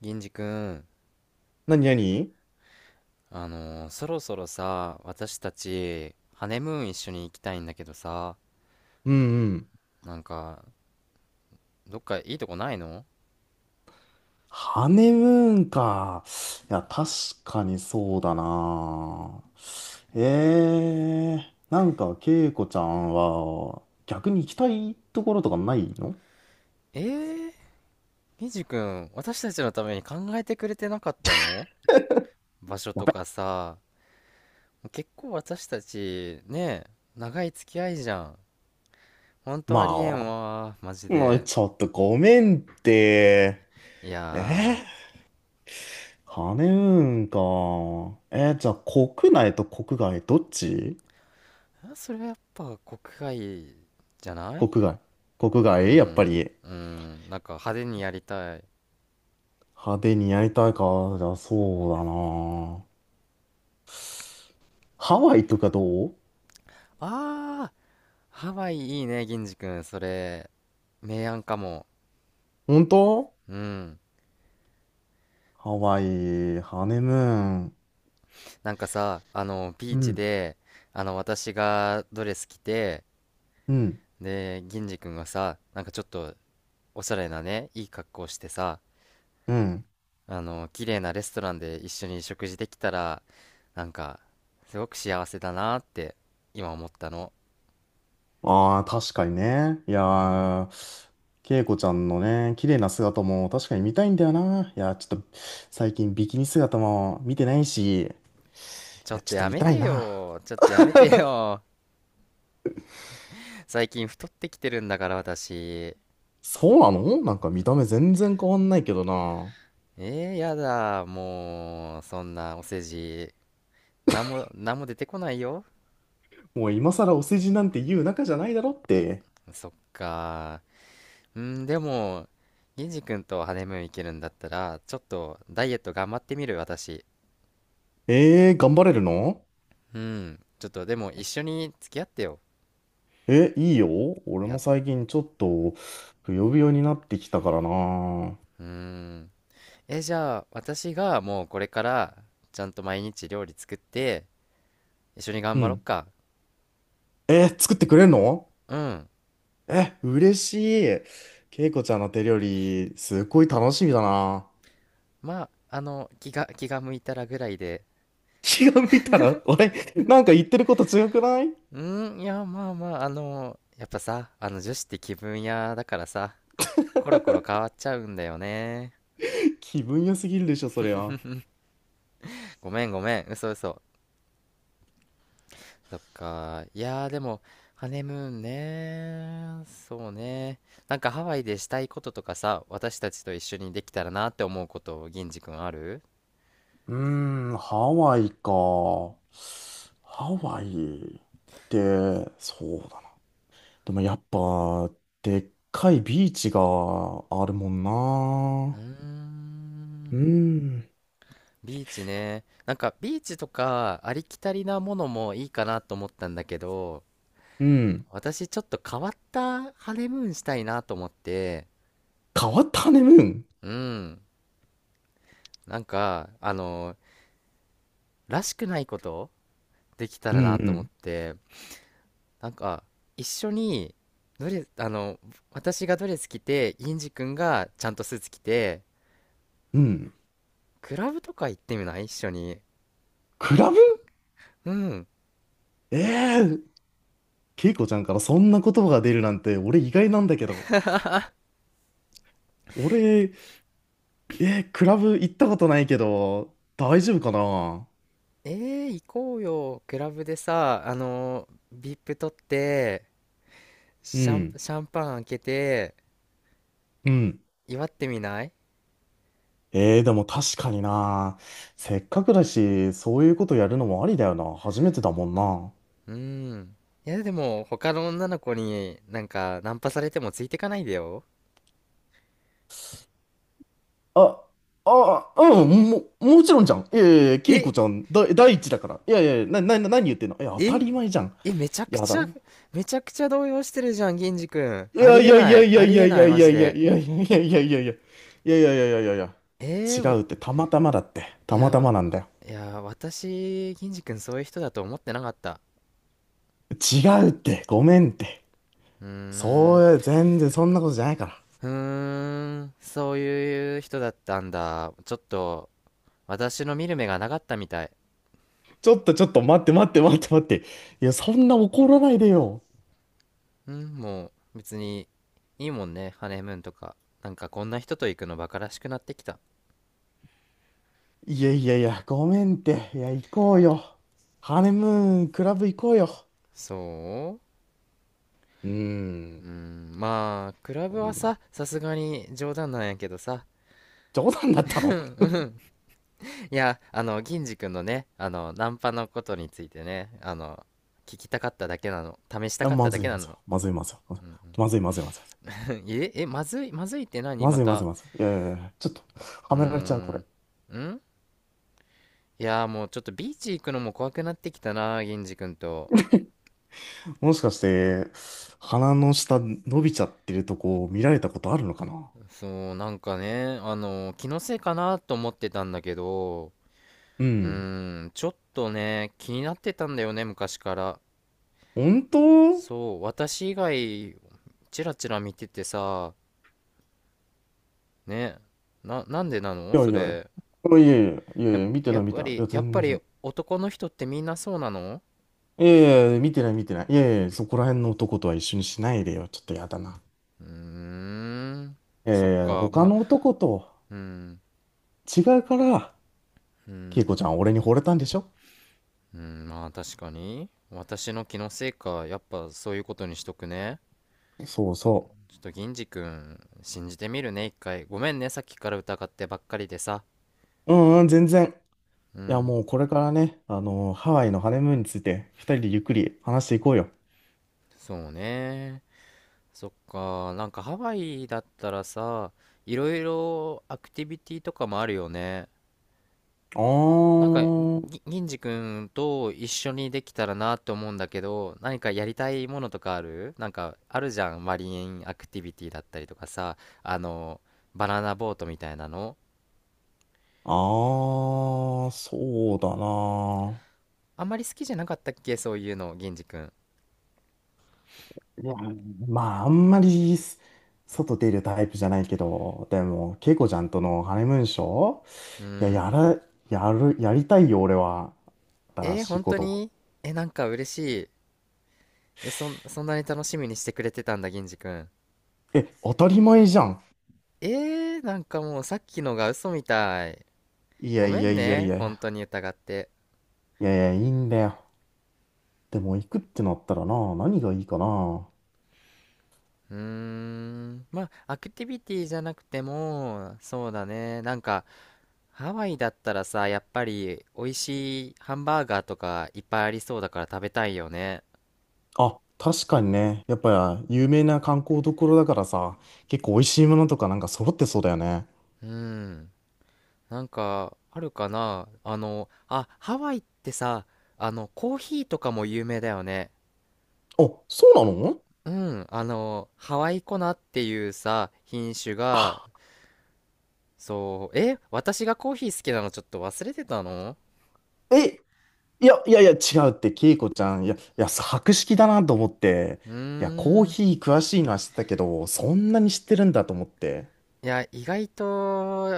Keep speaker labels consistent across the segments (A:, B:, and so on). A: 銀次くん、
B: なになに。
A: そろそろさ、私たち、ハネムーン一緒に行きたいんだけどさ、
B: うんうん。
A: なんか、どっかいいとこないの？
B: ハネムーンか。いや、確かにそうだな。えなんか、恵子ちゃんは、逆に行きたいところとかないの？
A: えー、銀次くん、私たちのために考えてくれてなかったの？場所
B: や
A: と
B: べ。
A: かさ、結構私たち、ねえ、長い付き合いじゃん。ほんとありえん
B: ま
A: わ、マジ
B: あ、もう
A: で。
B: ちょっとごめんって。
A: い
B: えー、
A: や
B: ハネムーンか。じゃあ、国内と国外、どっち？
A: ー、それはやっぱ国外じゃない？
B: 国外。国
A: う
B: 外、やっぱ
A: ん、
B: り、
A: うん、なんか派手にやりたい。
B: 派手にやりたいか。じゃあ、そうだな。ハワイとかどう？
A: ああ、ハワイいいね、銀次くん。それ、明暗かも。
B: 本当？
A: うん。
B: ハワイ、ハネムーン。
A: なんかさ、ビ
B: う
A: ーチ
B: ん、
A: で、私がドレス着て、
B: うん、
A: で、銀次くんがさ、なんかちょっと、おしゃれなね、いい格好してさ、
B: うん。
A: 綺麗なレストランで一緒に食事できたら、なんか、すごく幸せだなって、今思ったの。
B: ああ、確かにね。いや
A: うん。
B: ー、恵子ちゃんのね、綺麗な姿も確かに見たいんだよな。いやー、ちょっと、最近ビキニ姿も見てないし、い
A: ちょ
B: や、
A: っ
B: ち
A: と
B: ょっと
A: や
B: 見
A: め
B: たい
A: て
B: な。
A: よ。ちょっとやめてよ。最近太ってきてるんだから、私。
B: そうなの？なんか見た目全然変わんないけどな。
A: やだ、もう、そんなお世辞、なんも出てこないよ。
B: もう今更お世辞なんて言う仲じゃないだろって。
A: そっか。うん、でも、銀次君とハネムーン行けるんだったら、ちょっとダイエット頑張ってみる、私。
B: 頑張れるの？
A: うん、ちょっとでも一緒に付き合ってよ。
B: え、いいよ。俺も
A: や、
B: 最近ちょっと、ぶよぶよになってきたからな。
A: うーん。え、じゃあ、私がもうこれから、ちゃんと毎日料理作って、一緒に頑
B: う
A: 張ろっ
B: ん。
A: か。
B: え、作ってくれんの？
A: うん。
B: え、嬉しい。けいこちゃんの手料理、すっごい楽しみだな。
A: まあ、気が向いたらぐらいで。
B: 気が向いたら、俺、なんか言ってること違くない？
A: うーん、いや、まあまあ、やっぱさ、女子って気分屋だからさ、コロコロ変わっちゃうんだよね。
B: 気分良すぎるでしょ、そりゃ。う
A: ごめんごめん、嘘嘘。そっか、いやーでも、ハネムーンね、そうね。なんかハワイでしたいこととかさ、私たちと一緒にできたらなって思うこと、銀次くんある？
B: ーん、ハワイか。ハワイって、そうだな。でもやっぱ、でっかいビーチがあるもん
A: うー
B: な。うー
A: ん、
B: ん、
A: ビーチね。なんかビーチとかありきたりなものもいいかなと思ったんだけど、
B: うん。
A: 私ちょっと変わったハネムーンしたいなと思って、
B: 変わったハネムーン。
A: うん、なんか、らしくないことできた
B: うん、
A: ら
B: う
A: なと思っ
B: ん、
A: て、なんか、一緒に、ドレス、私がドレス着て、インジ君がちゃんとスーツ着て、
B: うん。
A: クラブとか行ってみない？一緒に。
B: クラブ？
A: うん。
B: ええー、ケイコちゃんからそんな言葉が出るなんて、俺意外なんだけど。俺、クラブ行ったことないけど、大丈夫かな？
A: え行こうよ。クラブでさ、VIP 取って、
B: うん、
A: シャンパン開けて、
B: うん。
A: 祝ってみない？
B: でも確かにな。せっかくだし、そういうことやるのもありだよな。初めてだもんな。
A: うん。いや、でも、他の女の子になんか、ナンパされてもついてかないでよ。
B: あ、あ、うん、もちろんじゃん。いやいやいや、ケイ
A: え
B: コちゃん、第一だから。いやいや、な、な、な何言ってんの？いや、当た
A: え
B: り前じゃん。
A: え、めちゃく
B: や
A: ち
B: だ
A: ゃ、
B: な。
A: めちゃくちゃ動揺してるじゃん、銀次くん。
B: い
A: あ
B: や
A: り
B: い
A: え
B: やい
A: な
B: や
A: い、
B: いや
A: あ
B: い
A: り
B: や
A: え
B: い
A: ない、
B: や
A: マ
B: いや
A: ジ
B: いや
A: で。
B: いやいやいやいやいやいやいやいやいやいやいやいや、
A: え
B: 違
A: ー、わ、
B: うって、たまたまだって、
A: い
B: たま
A: や、
B: たまなんだよ。
A: いや、私、銀次くんそういう人だと思ってなかった。
B: 違うって、ごめんって。
A: うーん、
B: そう、全然そんなことじゃないから。
A: うーん、そういう人だったんだ。ちょっと、私の見る目がなかったみたい。
B: ちょっとちょっと待って待って待って待って、いや、そんな怒らないでよ。
A: うん、もう別にいいもんね、ハネムーンとか。なんかこんな人と行くのバカらしくなってきた。
B: いやいやいや、ごめんって。いや、行こうよ。ハネムーンクラブ行こうよ。
A: そ
B: うー
A: う、う
B: ん。
A: ん、まあ、クラブ
B: こ
A: は
B: んな
A: さ、さすがに冗談なんやけどさ。
B: 冗談だったの？い
A: いや、銀次くんのね、ナンパのことについてね、聞きたかっただけなの。試した
B: や、
A: かっ
B: ま
A: ただ
B: ずい
A: けな
B: まずい
A: の。
B: まずいまずいまず
A: うんうん。
B: いまずいまずいまずい
A: え、え、まずい、まずいって何
B: ま
A: ま
B: ずいまず
A: た。
B: いまずい。いやいやいや、ちょっと、
A: う
B: は
A: ー
B: められちゃう、これ。
A: ん。ん、いやーもうちょっとビーチ行くのも怖くなってきたな、銀次くんと。
B: もしかして、鼻の下伸びちゃってるとこを見られたことあるのかな？
A: そう、なんかね、気のせいかなと思ってたんだけど、
B: う
A: う
B: ん。
A: ーん、ちょっとね、気になってたんだよね、昔から。
B: 本当？い
A: そう、私以外、チラチラ見ててさ、ね、なんでなの
B: や
A: そ
B: いやいや。
A: れ。
B: いやいやいや、
A: やっ、
B: いや見てない見てない。いや、
A: やっぱ
B: 全
A: り
B: 然。
A: 男の人ってみんなそうなの？
B: いやいや見てない見てない。いやいやいや、そこら辺の男とは一緒にしないでよ。ちょっとやだな。
A: うーん、
B: い
A: そ
B: や
A: っ
B: いや
A: か、
B: 他
A: まあ、
B: の男と
A: うん、
B: 違うから、
A: う
B: ケイコ
A: ん、
B: ちゃんは俺に惚れたんでしょ？
A: うん、まあ確かに。私の気のせいか、やっぱそういうことにしとくね。
B: そうそ
A: ちょっと銀次くん信じてみるね、一回ごめんね、さっきから疑ってばっかりでさ。
B: う。うんうん、全然。
A: う
B: いや、
A: ん、
B: もうこれからね、ハワイのハネムーンについて、二人でゆっくり話していこうよ。
A: そうね、そっか、なんかハワイだったらさ、いろいろアクティビティとかもあるよね。
B: あ
A: なんか、
B: ー、
A: 銀次くんと一緒にできたらなと思うんだけど、何かやりたいものとかある？なんかあるじゃん、マリンアクティビティだったりとかさ、あのバナナボートみたいなの、
B: あー、そうだな。
A: あんまり好きじゃなかったっけ、そういうの、銀次くん？
B: いや、まあ、あんまり外出るタイプじゃないけど、でも、ケイコちゃんとのハネムーンショ
A: う
B: ー、いや、
A: ん、
B: やら、やる、やりたいよ、俺は。新
A: えー、
B: しい
A: 本
B: こ
A: 当
B: と。
A: に？え、なんか嬉しい。え、そんなに楽しみにしてくれてたんだ、銀次くん。
B: 当たり前じゃん。
A: えー、なんかもうさっきのが嘘みたい。
B: いや
A: ご
B: い
A: め
B: や
A: ん
B: いやい
A: ね、本当
B: や。
A: に疑って。
B: いやいや、いいんだよ。でも、行くってなったらな、何がいいかな。
A: うーん、まあ、アクティビティじゃなくても、そうだね、なんか、ハワイだったらさ、やっぱり美味しいハンバーガーとかいっぱいありそうだから食べたいよね。
B: あ、確かにね。やっぱり有名な観光どころだからさ、結構美味しいものとかなんか揃ってそうだよね。
A: うん、なんか、あるかな、あ、ハワイってさ、コーヒーとかも有名だよね。
B: あ、そうなの？
A: うん、ハワイコナっていうさ、品種が、
B: あ、
A: そう、え、私がコーヒー好きなのちょっと忘れてたの？
B: え、いや、いやいや、違うって、ケイコちゃん、いや、いや、博識だなと思って、
A: うー
B: いや、コー
A: ん。
B: ヒー詳しいのは知ってたけど、そんなに知ってるんだと思って。
A: いや、意外と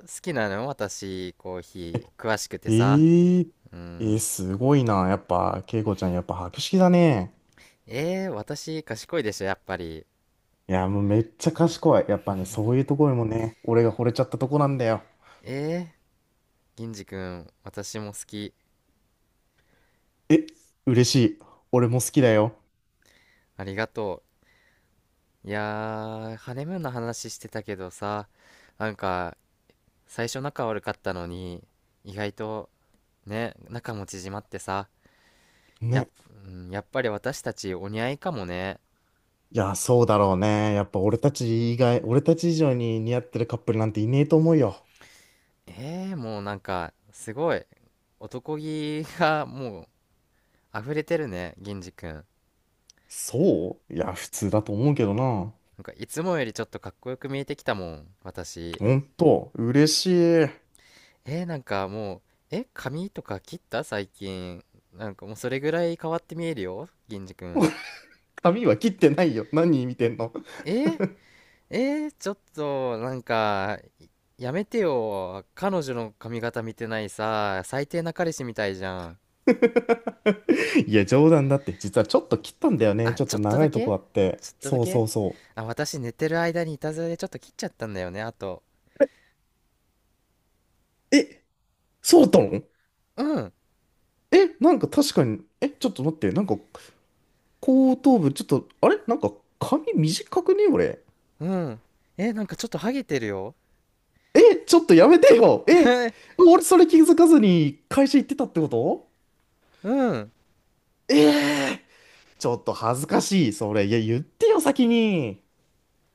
A: 好きなの私、コーヒー、詳しくて
B: え
A: さ。
B: ー、
A: うん。
B: すごいな。やっぱ、ケイコちゃん、やっぱ博識だね。
A: えー、私、賢いでしょ、やっぱり。
B: いや、もうめっちゃ賢い。やっぱね、そういうところもね、俺が惚れちゃったとこなんだよ。
A: えー、銀次くん、私も好き。
B: え、嬉しい。俺も好きだよ。
A: ありがとう。いやー、ハネムーンの話してたけどさ、なんか、最初仲悪かったのに、意外とね、仲も縮まってさ、やっ、
B: ね。
A: うん、やっぱり私たちお似合いかもね。
B: いや、そうだろうね。やっぱ俺たち以外、俺たち以上に似合ってるカップルなんていねえと思うよ。
A: えー、もうなんか、すごい。男気がもう溢れてるね、銀次くん。
B: そういや、普通だと思うけどな。
A: なんかいつもよりちょっとかっこよく見えてきたもん、私。
B: ほんと、嬉しい。
A: えー、なんかもう、え、髪とか切った最近？なんかもうそれぐらい変わって見えるよ、銀次くん。
B: 髪は切ってないよ。何見てんの？
A: えー、えちょっと、なんか、やめてよ。彼女の髪型見てないさ、最低な彼氏みたいじゃん。
B: いや、冗談だって。実はちょっと切ったんだよね。
A: あ、
B: ちょっ
A: ちょ
B: と
A: っと
B: 長
A: だ
B: いと
A: け、
B: こあって。
A: ちょっとだ
B: そうそ
A: け、
B: うそ
A: あ、私寝てる間にいたずらでちょっと切っちゃったんだよね、あと。
B: う。え、そうだったの？
A: うん、
B: え、なんか確かに、え、ちょっと待って。なんか、後頭部、ちょっと、あれなんか、髪短くね俺？
A: うん。え、なんかちょっとハゲてるよ。
B: え、ちょっとやめてよ。え、俺それ気づかずに会社行ってたってこと？
A: うん。
B: ええー、ちょっと恥ずかしい。それ、いや、言ってよ、先に。